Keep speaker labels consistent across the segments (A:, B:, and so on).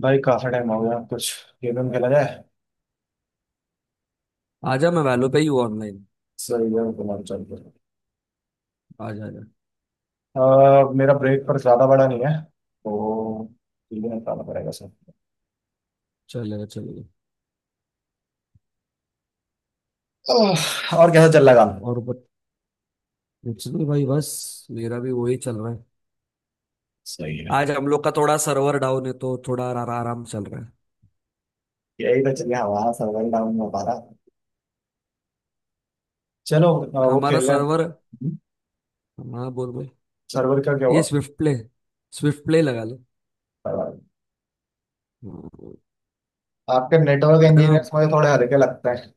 A: भाई काफी टाइम हो गया। कुछ गेम वेम खेला जाए।
B: आजा मैं वैलो पे ही हूँ ऑनलाइन।
A: सही है, तुम्हारा चलते।
B: आजा आजा।
A: मेरा ब्रेक पर ज्यादा बड़ा नहीं है, तो चीजें निकालना पड़ेगा सर।
B: चलेगा चलेगा।
A: ओह, और कैसा चल रहा है काम?
B: और बट, कुछ नहीं भाई, बस मेरा भी वही चल रहा है।
A: सही है।
B: आज हम लोग का थोड़ा सर्वर डाउन है तो थोड़ा आराम चल रहा है।
A: यही तो, चलिए हमारा सर्वर डाउन हो पा रहा। चलो वो
B: हमारा
A: खेल रहे हैं।
B: सर्वर।
A: हम्म,
B: हाँ बोल भाई।
A: सर्वर का क्या
B: ये
A: हुआ?
B: स्विफ्ट प्ले लगा ले।
A: बराबर।
B: हाँ।
A: आपके नेटवर्क
B: अरे मैं
A: इंजीनियर्स मुझे थोड़े हल्के लगते हैं।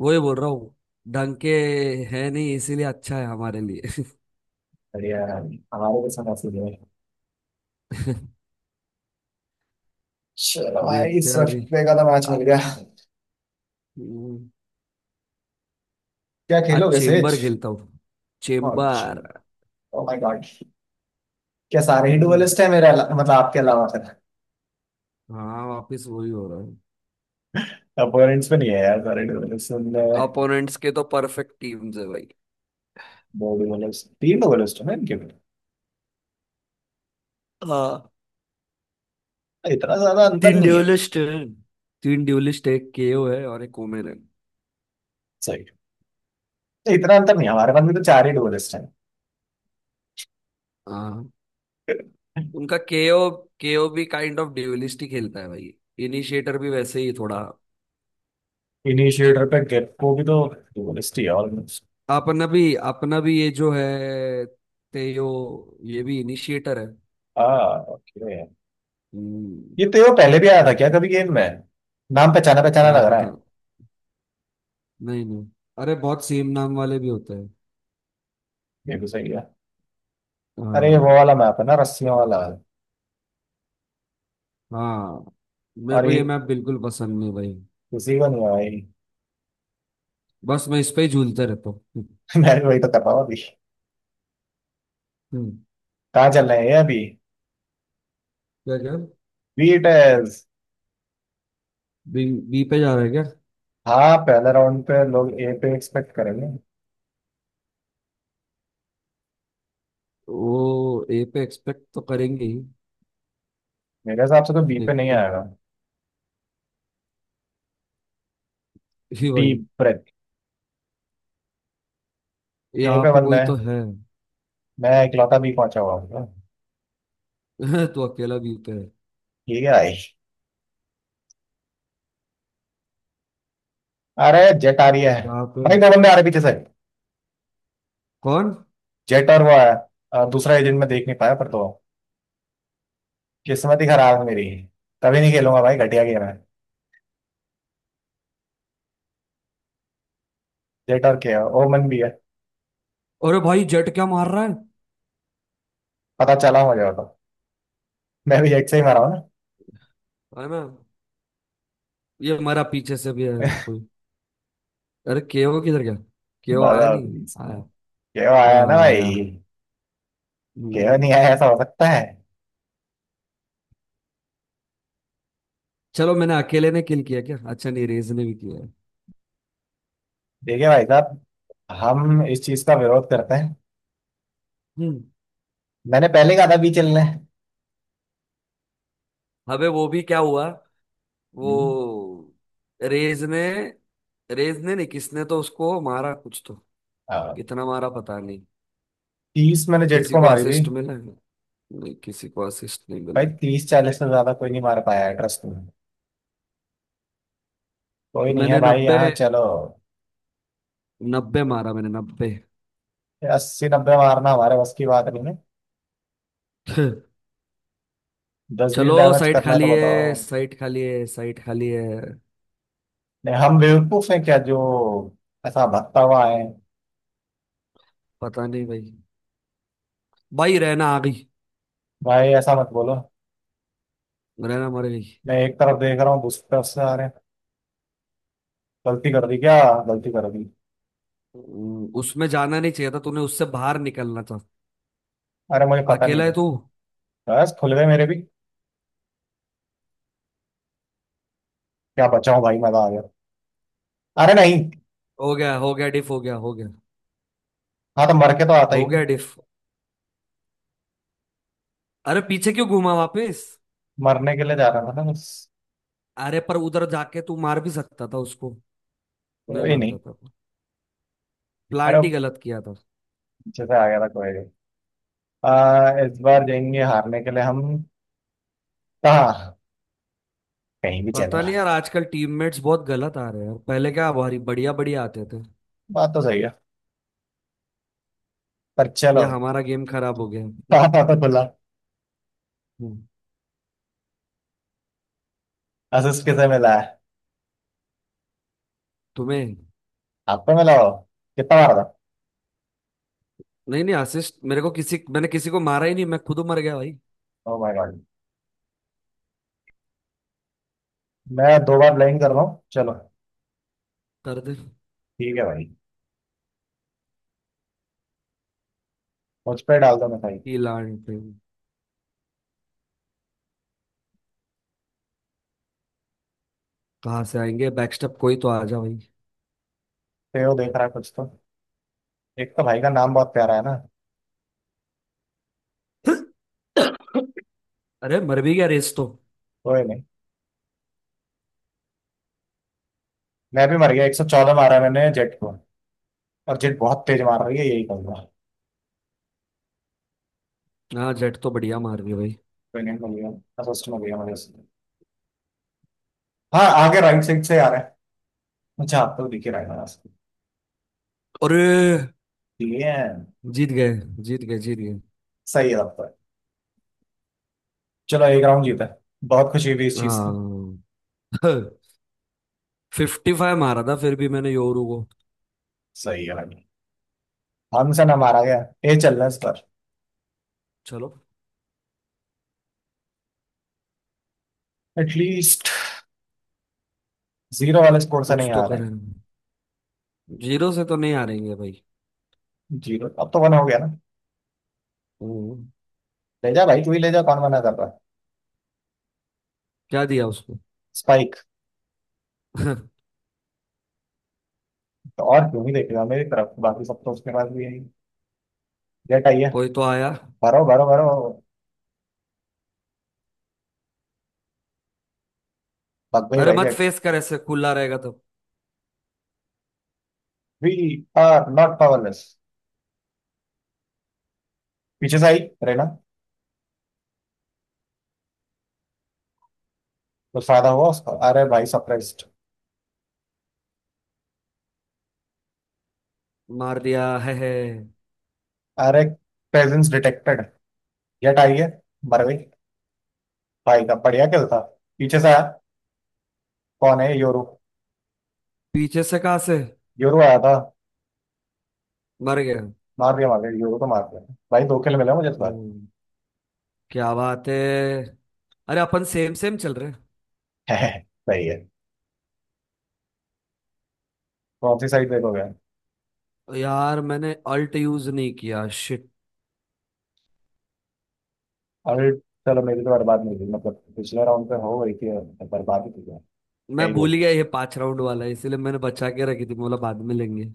B: वही बोल रहा हूँ। ढंग के है नहीं, इसीलिए अच्छा है हमारे लिए।
A: बढ़िया है भाई, हमारे के साथ ऐसे ही है। चलो भाई,
B: देखते
A: इस
B: हैं
A: वक्त
B: अभी।
A: पे का तो मैच
B: आ-
A: मिल गया।
B: हम्म।
A: क्या
B: आज
A: खेलोगे
B: चेम्बर
A: सेज?
B: खेलता हूँ। चेम्बर।
A: Oh my god. क्या सारे ही
B: हम्म।
A: डुअलिस्ट है मेरे मतलब आपके अलावा फिर?
B: हाँ वापिस वही हो रहा है।
A: अपोनेंट्स में नहीं है यार सारे डुअलिस्ट।
B: अपोनेंट्स के तो परफेक्ट टीम्स है भाई।
A: दो डुअलिस्ट, तीन डुअलिस्ट है इनके में।
B: हाँ।
A: इतना ज्यादा अंतर
B: तीन
A: नहीं है।
B: ड्यूलिस्ट हैं। तीन ड्यूलिस्ट, एक केओ है और एक ओमेन है।
A: सही। इतना अंतर नहीं है, हमारे पास भी तो चार ही डुअलिस्ट हैं।
B: हाँ। उनका केओ। केओ भी काइंड ऑफ ड्यूलिस्ट ही खेलता है भाई। इनिशिएटर भी वैसे ही थोड़ा।
A: इनिशिएटर पे गेको भी तो डुअलिस्ट ही है ऑलमोस्ट।
B: अपना भी ये जो है, तेयो, ये भी इनिशिएटर है।
A: हाँ ओके।
B: हम्म।
A: ये तो, ये पहले भी आया था क्या कभी गेम में? नाम पहचाना पहचाना
B: क्या
A: लग रहा
B: पता।
A: है।
B: नहीं नहीं। अरे बहुत सेम नाम वाले भी होते हैं।
A: ये भी सही है। अरे ये
B: हाँ।
A: वो वाला मैप है ना, रस्सियों वाला।
B: हाँ, मेरे
A: और
B: को
A: ये
B: ये मैप बिल्कुल पसंद नहीं भाई।
A: किसी को नहीं है भाई।
B: बस मैं इस पे ही झूलते रहता हूँ।
A: मैंने वही तो कर रहा हूँ अभी कहाँ।
B: हम्म।
A: चल रहे हैं ये अभी।
B: क्या क्या?
A: बीट।
B: बी। बी पे जा रहा है क्या?
A: हाँ पहले राउंड पे लोग ए पे एक्सपेक्ट करेंगे।
B: वो ए पे एक्सपेक्ट तो करेंगे ही।
A: मेरे हिसाब से तो बी पे नहीं
B: देखते हैं।
A: आएगा।
B: ही भाई।
A: Deep breath. ए
B: यहाँ
A: पे
B: पे
A: बंदा
B: कोई
A: है।
B: तो है।
A: मैं इकलौता बी पहुंचा हुआ हूँ।
B: तू अकेला बी पे है।
A: ठीक है भाई। अरे जेट आ रही है।
B: यहाँ पे।
A: भाई दो बंदे आ रहे पीछे से।
B: कौन?
A: जेट और वो आया। दूसरा एजेंट मैं देख नहीं पाया पर, तो किस्मत ही खराब है मेरी। कभी नहीं खेलूंगा भाई, घटिया गेम है। जेट और के। ओमन भी है।
B: अरे भाई जेट क्या मार रहा है।
A: पता चला मुझे, वो तो मैं भी जेट से ही मारा हूँ ना।
B: अरे मैं। ये हमारा पीछे से भी है। कोई। अरे केओ किधर गया? केओ आया
A: मजा
B: नहीं।
A: आती है
B: आया।
A: इसमें। केओ आया ना
B: हाँ
A: भाई।
B: आया।
A: केओ
B: हम्म।
A: नहीं आया, ऐसा हो सकता है।
B: चलो मैंने अकेले ने किल किया क्या? अच्छा नहीं, रेज ने भी किया है।
A: देखिए भाई साहब, हम इस चीज का विरोध करते हैं।
B: हम्म।
A: मैंने पहले कहा था बी चलना है।
B: अबे वो भी क्या हुआ?
A: हम्म,
B: वो। रेज ने रेज ने नहीं, किसने तो उसको मारा कुछ तो।
A: हाँ।
B: कितना मारा पता नहीं।
A: 30 मैंने जेट
B: किसी
A: को
B: को
A: मारी थी।
B: असिस्ट मिला है? नहीं, किसी को असिस्ट नहीं मिला
A: भाई
B: है।
A: 30 40 से ज्यादा कोई नहीं मार पाया है ट्रस्ट में। कोई नहीं है
B: मैंने
A: भाई
B: 90।
A: यहाँ, चलो।
B: 90 मारा मैंने, 90।
A: 80 90 मारना हमारे बस की बात नहीं है। 10 20
B: चलो
A: डैमेज
B: साइट
A: करना है तो
B: खाली है,
A: बताओ।
B: साइट खाली है, साइट खाली है।
A: नहीं हम बेवकूफ हैं क्या जो ऐसा भटका हुआ है?
B: पता नहीं भाई। भाई रहना आ गई।
A: भाई ऐसा मत बोलो।
B: रहना मर गई।
A: मैं एक तरफ देख रहा हूँ, दूसरी तरफ से आ रहे हैं। गलती कर दी क्या? गलती कर दी।
B: उसमें जाना नहीं चाहिए था, तूने उससे बाहर निकलना था।
A: अरे मुझे पता नहीं
B: अकेला है
A: था।
B: तू।
A: बस खुल गए मेरे भी। क्या बचाऊं भाई, मजा आ गया। अरे नहीं।
B: हो गया डिफ, हो गया हो गया।
A: हाँ तो मर के तो आता ही
B: हो गया
A: हूँ।
B: डिफ। अरे पीछे क्यों घूमा वापस?
A: मरने के लिए जा रहा था ना बस।
B: अरे पर उधर जाके तू मार भी सकता था उसको। नहीं
A: कोई
B: मारता
A: नहीं।
B: था।
A: अरे
B: प्लांट ही
A: वो
B: गलत किया था।
A: पीछे से आ गया था, कोई नहीं। इस बार
B: हम्म।
A: जाएंगे हारने के लिए हम। कहाँ? कहीं भी चलो।
B: पता नहीं यार, आजकल टीममेट्स बहुत गलत आ रहे हैं यार, पहले क्या भारी बढ़िया बढ़िया आते थे।
A: बात तो सही है। पर चलो।
B: या हमारा गेम खराब हो गया।
A: पापा तो खुला।
B: हम्म।
A: असिस किसे मिला है?
B: तुम्हें।
A: आपको मिला हो। कितना बार था?
B: नहीं नहीं, असिस्ट मेरे को किसी, मैंने किसी को मारा ही नहीं, मैं खुद मर गया भाई।
A: Oh my god. मैं दो बार ब्लाइंड कर रहा हूँ, चलो।
B: दर्द।
A: ठीक है भाई। मुझ पे डाल दो मैं भाई।
B: की लान पे। कहाँ से आएंगे बैकस्टेप? कोई तो आ जा भाई।
A: तेरे देख रहा है कुछ तो। एक तो भाई का नाम बहुत प्यारा है ना।
B: अरे मर भी गया रेस तो।
A: कोई नहीं। मैं भी मर गया। 114 मारा मैंने जेट को। और जेट बहुत तेज मार रही है, यही कहूंगा।
B: हाँ जेट तो बढ़िया मार रही है भाई।
A: कोई नहीं, मिल गया। असिस्ट मिल गया मुझे। हाँ आगे राइट साइड से आ रहा है। अच्छा आप तो दिखे रहा है मेरा।
B: अरे
A: ठीक है।
B: जीत गए। जीत गए जीत गए।
A: सही है तब तो। चलो एक राउंड जीता है। बहुत खुशी हुई इस चीज की।
B: हाँ। 55 मारा था फिर भी मैंने योरू को।
A: सही है भाई। हमसे ना मारा गया। ये चल रहा है इस पर।
B: चलो।
A: एटलीस्ट जीरो वाले स्कोर से
B: कुछ
A: नहीं
B: तो
A: आ रहे हैं।
B: करें। जीरो से तो नहीं हारेंगे भाई।
A: जीरो अब तो वन हो गया ना।
B: हम्म।
A: ले जा भाई, तू ही ले जा, कौन मना कर रहा है।
B: क्या दिया उसको?
A: स्पाइक। तो और क्यों ही देखेगा मेरी तरफ, बाकी सब तो उसके पास भी है। डेट आई है।
B: कोई तो आया।
A: भरो भरो भरो। भग गई
B: अरे
A: भाई
B: मत
A: डेट।
B: फेस कर, ऐसे खुला रहेगा तो।
A: We are not powerless. पीछे से आई। रहना। कुछ फायदा हुआ उसका? अरे भाई सप्रेस्ड।
B: मार दिया है, है।
A: अरे प्रेजेंस डिटेक्टेड। या टाइगर। मर गई। भाई का बढ़िया खेल था। पीछे से आया। कौन है योरू?
B: पीछे से कहाँ से?
A: योरू आया था।
B: मर गया।
A: मार दिया, मार दिया, योरू तो मार दिया। भाई दो खेल मिला मुझे इस बार।
B: हम्म, क्या बात है। अरे अपन सेम सेम चल रहे हैं।
A: सही है। कौन सी साइड देखोगे?
B: यार मैंने अल्ट यूज नहीं किया, शिट।
A: अरे चलो, मेरी तो बर्बाद नहीं हुई, मतलब पिछले राउंड पे हो गई थी और बर्बाद ही थी क्या।
B: मैं
A: ही
B: भूल
A: बोलते
B: गया ये पांच राउंड वाला है, इसीलिए मैंने बचा के रखी थी, बोला बाद में लेंगे।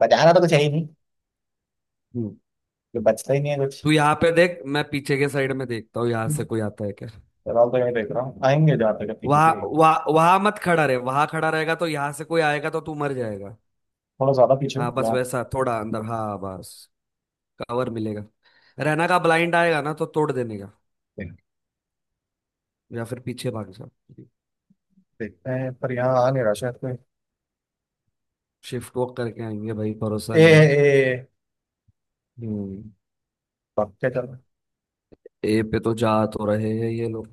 A: बचाना तो कुछ है ही नहीं। जो बचता ही नहीं है कुछ।
B: तू यहाँ पे देख, मैं पीछे के साइड में देखता हूँ, यहाँ से कोई आता है क्या?
A: फिलहाल तो यही देख रहा हूँ, आएंगे जहाँ तक है, पीछे
B: वहां।
A: से आएंगे।
B: वहां वहां मत खड़ा रहे, वहां खड़ा रहेगा तो यहाँ से कोई आएगा तो तू मर जाएगा।
A: थोड़ा ज्यादा पीछे हूँ
B: हाँ बस
A: यहाँ।
B: वैसा थोड़ा अंदर, हाँ बस। कवर मिलेगा। रहना का ब्लाइंड आएगा ना, तो तोड़ देने का।
A: देख-
B: या फिर पीछे भाग जा।
A: देखते हैं, पर यहाँ आ नहीं रहा शायद कोई।
B: शिफ्ट वॉक करके आएंगे भाई, भरोसा
A: ए ए
B: नहीं।
A: ए, ए,
B: हम्म।
A: पक्के चलो।
B: ए पे तो जा तो रहे हैं ये लोग।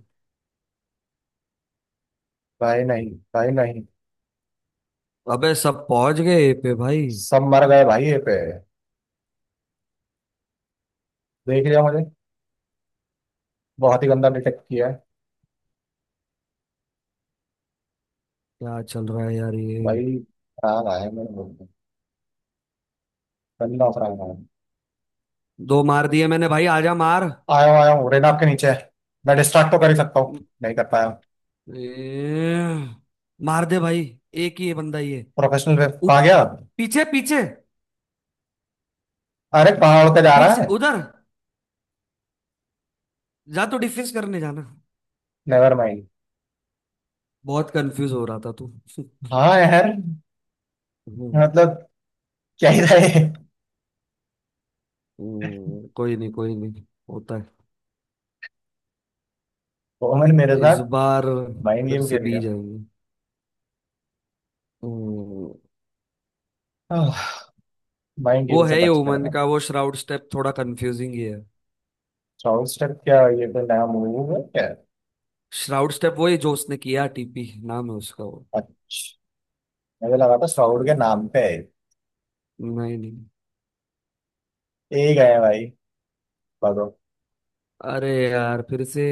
A: भाई नहीं, भाई नहीं।
B: अबे सब पहुंच गए ए पे भाई।
A: सब मर गए भाई ये पे। देख लिया मुझे। बहुत ही गंदा डिटेक्ट किया है।
B: क्या चल रहा है यार ये।
A: भाई खराब आया है मेरे मुंह में। गंदा खराब आया है।
B: दो मार दिए मैंने भाई, आजा मार।
A: आया हूँ आया हूँ, रेनाप के नीचे है। मैं डिस्ट्रैक्ट तो कर ही सकता हूँ। नहीं कर पाया।
B: ए। मार दे भाई। एक ही है बंदा ये।
A: प्रोफेशनल वेब कहाँ
B: उप।
A: गया?
B: पीछे पीछे।
A: अरे कहाँ उड़ के जा रहा
B: पीछे
A: है।
B: उधर। जा तो डिफेंस करने जाना।
A: Never mind.
B: बहुत कंफ्यूज हो रहा था तू।
A: हाँ यार।
B: हम्म।
A: मतलब क्या ही रहे।
B: कोई नहीं होता
A: कॉमन मेरे
B: है इस
A: साथ।
B: बार।
A: माइंड
B: फिर
A: गेम
B: से
A: खेल
B: बी जाएंगे। हम्म।
A: गया। माइंड
B: वो
A: गेम से
B: है
A: बच के
B: ओमन
A: रहना।
B: का वो श्राउड स्टेप थोड़ा कंफ्यूजिंग ही है।
A: श्राउड स्टेप क्या ये, कोई नया मूव है क्या?
B: श्राउड स्टेप वो ही जो उसने किया, टीपी नाम है उसका वो।
A: अच्छा, मुझे लगा था श्राउड के
B: हम्म।
A: नाम पे है।
B: नहीं नहीं।
A: ये ही गए भाई, भगो।
B: अरे यार, फिर से।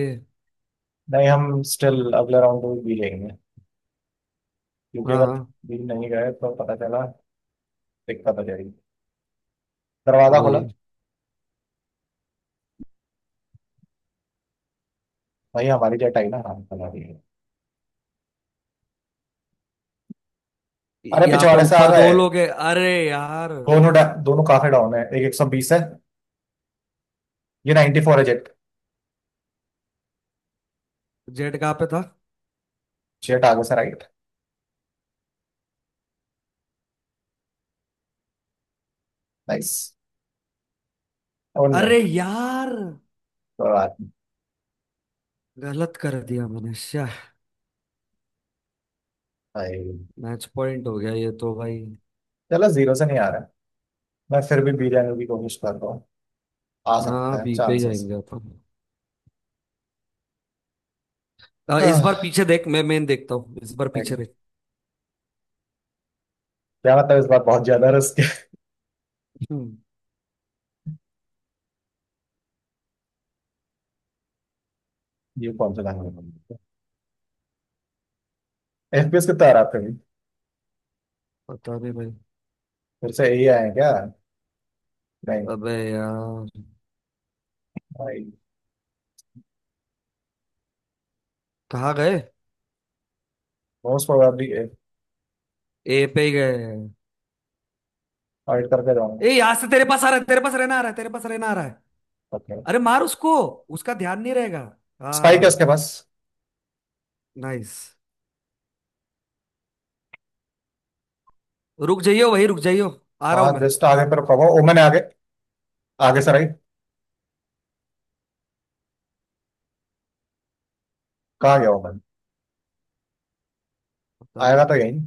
A: नहीं हम स्टिल अगले राउंड में भी जाएंगे, क्योंकि
B: हाँ
A: अगर
B: हाँ।
A: भी नहीं गए तो पता चला दिक्कत हो जाएगी। दरवाजा खोला।
B: वही।
A: भाई हमारी जेट आई ना, हाँ चला रही है। अरे
B: यहाँ पे
A: पिछवाड़े से आ
B: ऊपर दो
A: गए।
B: लोग हैं, अरे यार।
A: दोनों काफी डाउन है, एक 120 है। ये 94 है जेट।
B: जेड कहाँ पे था?
A: जेट आगे से राइट। नाइस। और नहीं।
B: अरे यार।
A: कोई बात नहीं।
B: गलत कर दिया मैंने, श्या।
A: भाई
B: मैच पॉइंट हो गया ये तो भाई।
A: चलो, जीरो से नहीं आ रहा है। मैं फिर भी बी जाने की कोशिश कर रहा हूँ। आ सकता
B: हाँ
A: है
B: बी पे ही
A: चांसेस।
B: जाएंगे अपन। आ, इस बार
A: हाँ
B: पीछे देख, मैं मेन देखता हूँ, इस बार
A: ठीक
B: पीछे
A: है।
B: देख।
A: क्या मतलब, इस बार बहुत ज्यादा रिस्क है।
B: हम्म।
A: ये कौन सा लैंग्वेज? एफपीएस कितना आ रहा है फिर भी?
B: पता नहीं भाई।
A: फिर से यही आए हैं क्या? नहीं,
B: अबे यार।
A: मोस्ट
B: कहाँ गए?
A: प्रोबेबली
B: ए पे ही गए।
A: ऑडिट करके जाऊंगा।
B: ए यहाँ से तेरे पास आ रहा है, तेरे पास रहना आ रहा है, तेरे पास रहना आ रहा है।
A: ओके।
B: अरे मार उसको। उसका ध्यान नहीं रहेगा।
A: स्पाइक है
B: हाँ।
A: उसके पास।
B: नाइस। रुक जाइयो, वही रुक जाइयो। आ रहा
A: हाँ
B: हूँ मैं।
A: जस्ट आगे, पर प्रभाव ओमन है आगे। आगे से राइट। कहाँ गया ओमन?
B: पता
A: आएगा
B: नहीं।
A: तो यही।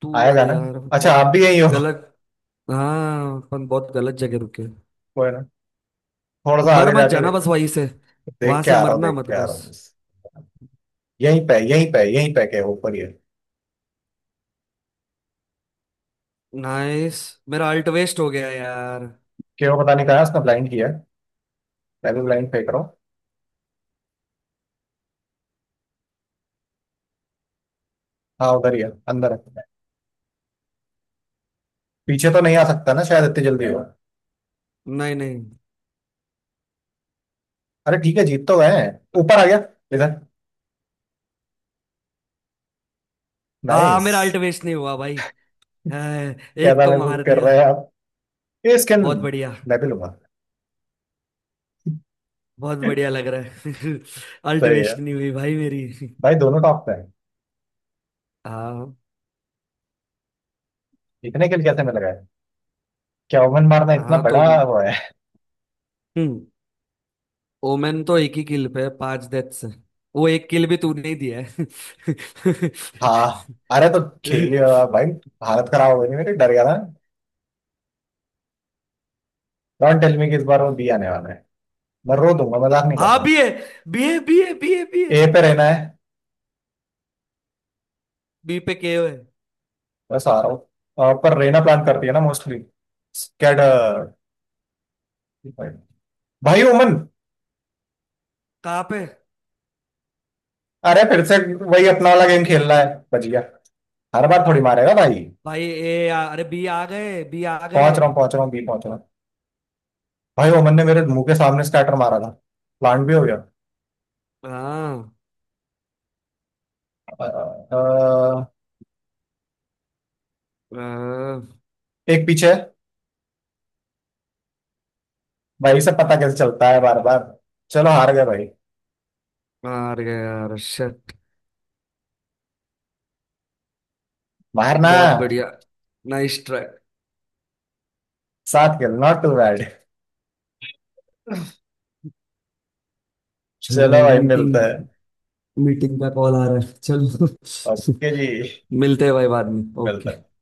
B: तू
A: आएगा
B: अरे
A: ना?
B: यार
A: अच्छा
B: बहुत
A: आप भी यही हो।
B: गलत। हाँ अपन बहुत गलत जगह रुके।
A: कोई ना। थोड़ा सा
B: मर
A: आगे
B: मत
A: जाके
B: जाना
A: देख।
B: बस वहीं से।
A: देख
B: वहां
A: के
B: से
A: आ रहा हूँ,
B: मरना
A: देख
B: मत
A: के आ रहा
B: बस।
A: हूँ बस। यहीं पे यहीं पे यहीं पे, के ऊपर ही है।
B: नाइस। मेरा अल्ट वेस्ट हो गया यार।
A: क्यों पता नहीं कहा है, उसने ब्लाइंड किया है। मैं भी ब्लाइंड फेंक रहा हूँ। हाँ उधर ही है, अंदर है। पीछे तो नहीं आ सकता ना शायद इतनी जल्दी हो।
B: नहीं नहीं।
A: अरे ठीक है, जीत तो गए हैं। ऊपर आ गया। इधर।
B: हाँ
A: नाइस।
B: मेरा अल्ट वेस्ट नहीं हुआ भाई। हाँ,
A: क्या
B: एक
A: था,
B: तो
A: महसूस
B: मार
A: कर
B: दिया।
A: रहे हैं आप ये स्किन?
B: बहुत बढ़िया।
A: मैं भी लूंगा।
B: बहुत बढ़िया लग रहा है। अल्ट
A: सही है।
B: वेस्ट नहीं हुई भाई मेरी।
A: भाई दोनों टॉप पे है।
B: हाँ।
A: इतने के लिए कैसे मिल गए? क्या ओवन मारना इतना
B: हाँ तो।
A: बड़ा वो है?
B: हम्म। ओमेन तो एक ही किल पे है, पांच डेथ से। वो एक किल भी तूने ही दिया।
A: हाँ। अरे तो
B: है।
A: खेलिए। भाई हालत खराब हो गई मेरी, डर गया था। डोंट टेल मी कि इस बार वो बी आने वाला है। मैं रो दूंगा, मजाक नहीं
B: हाँ
A: करता।
B: बी है। बी है बी है बी है बी है।
A: ए पे रहना है।
B: बी पे के है।
A: बस आ रहा हूँ। पर रहना प्लान करती है ना मोस्टली। स्कैड। भाई ओमन।
B: कहाँ पे?
A: अरे फिर से, वही अपना वाला गेम खेल रहा है। बच गया। हर बार थोड़ी मारेगा भाई।
B: भाई। अरे बी आ गए बी आ गए।
A: पहुंच रहा हूँ, पहुंच रहा हूँ, बी पहुंच रहा हूँ। भाई ओमन ने मेरे मुंह के सामने स्कैटर मारा था। प्लांट भी हो गया।
B: हाँ।
A: अ, अ,
B: हाँ।
A: एक पीछे है। भाई से पता कैसे चलता है बार बार? चलो हार गए भाई।
B: मार गया यार, शिट।
A: मारना।
B: बहुत बढ़िया। Nice try.
A: साथ खेल नॉट टू बैड।
B: चलो
A: चलो
B: भाई
A: भाई मिलते
B: मीटिंग।
A: हैं।
B: मीटिंग का कॉल आ रहा है, चलो।
A: ओके जी।
B: मिलते हैं भाई बाद में,
A: मिलते
B: ओके।
A: हैं।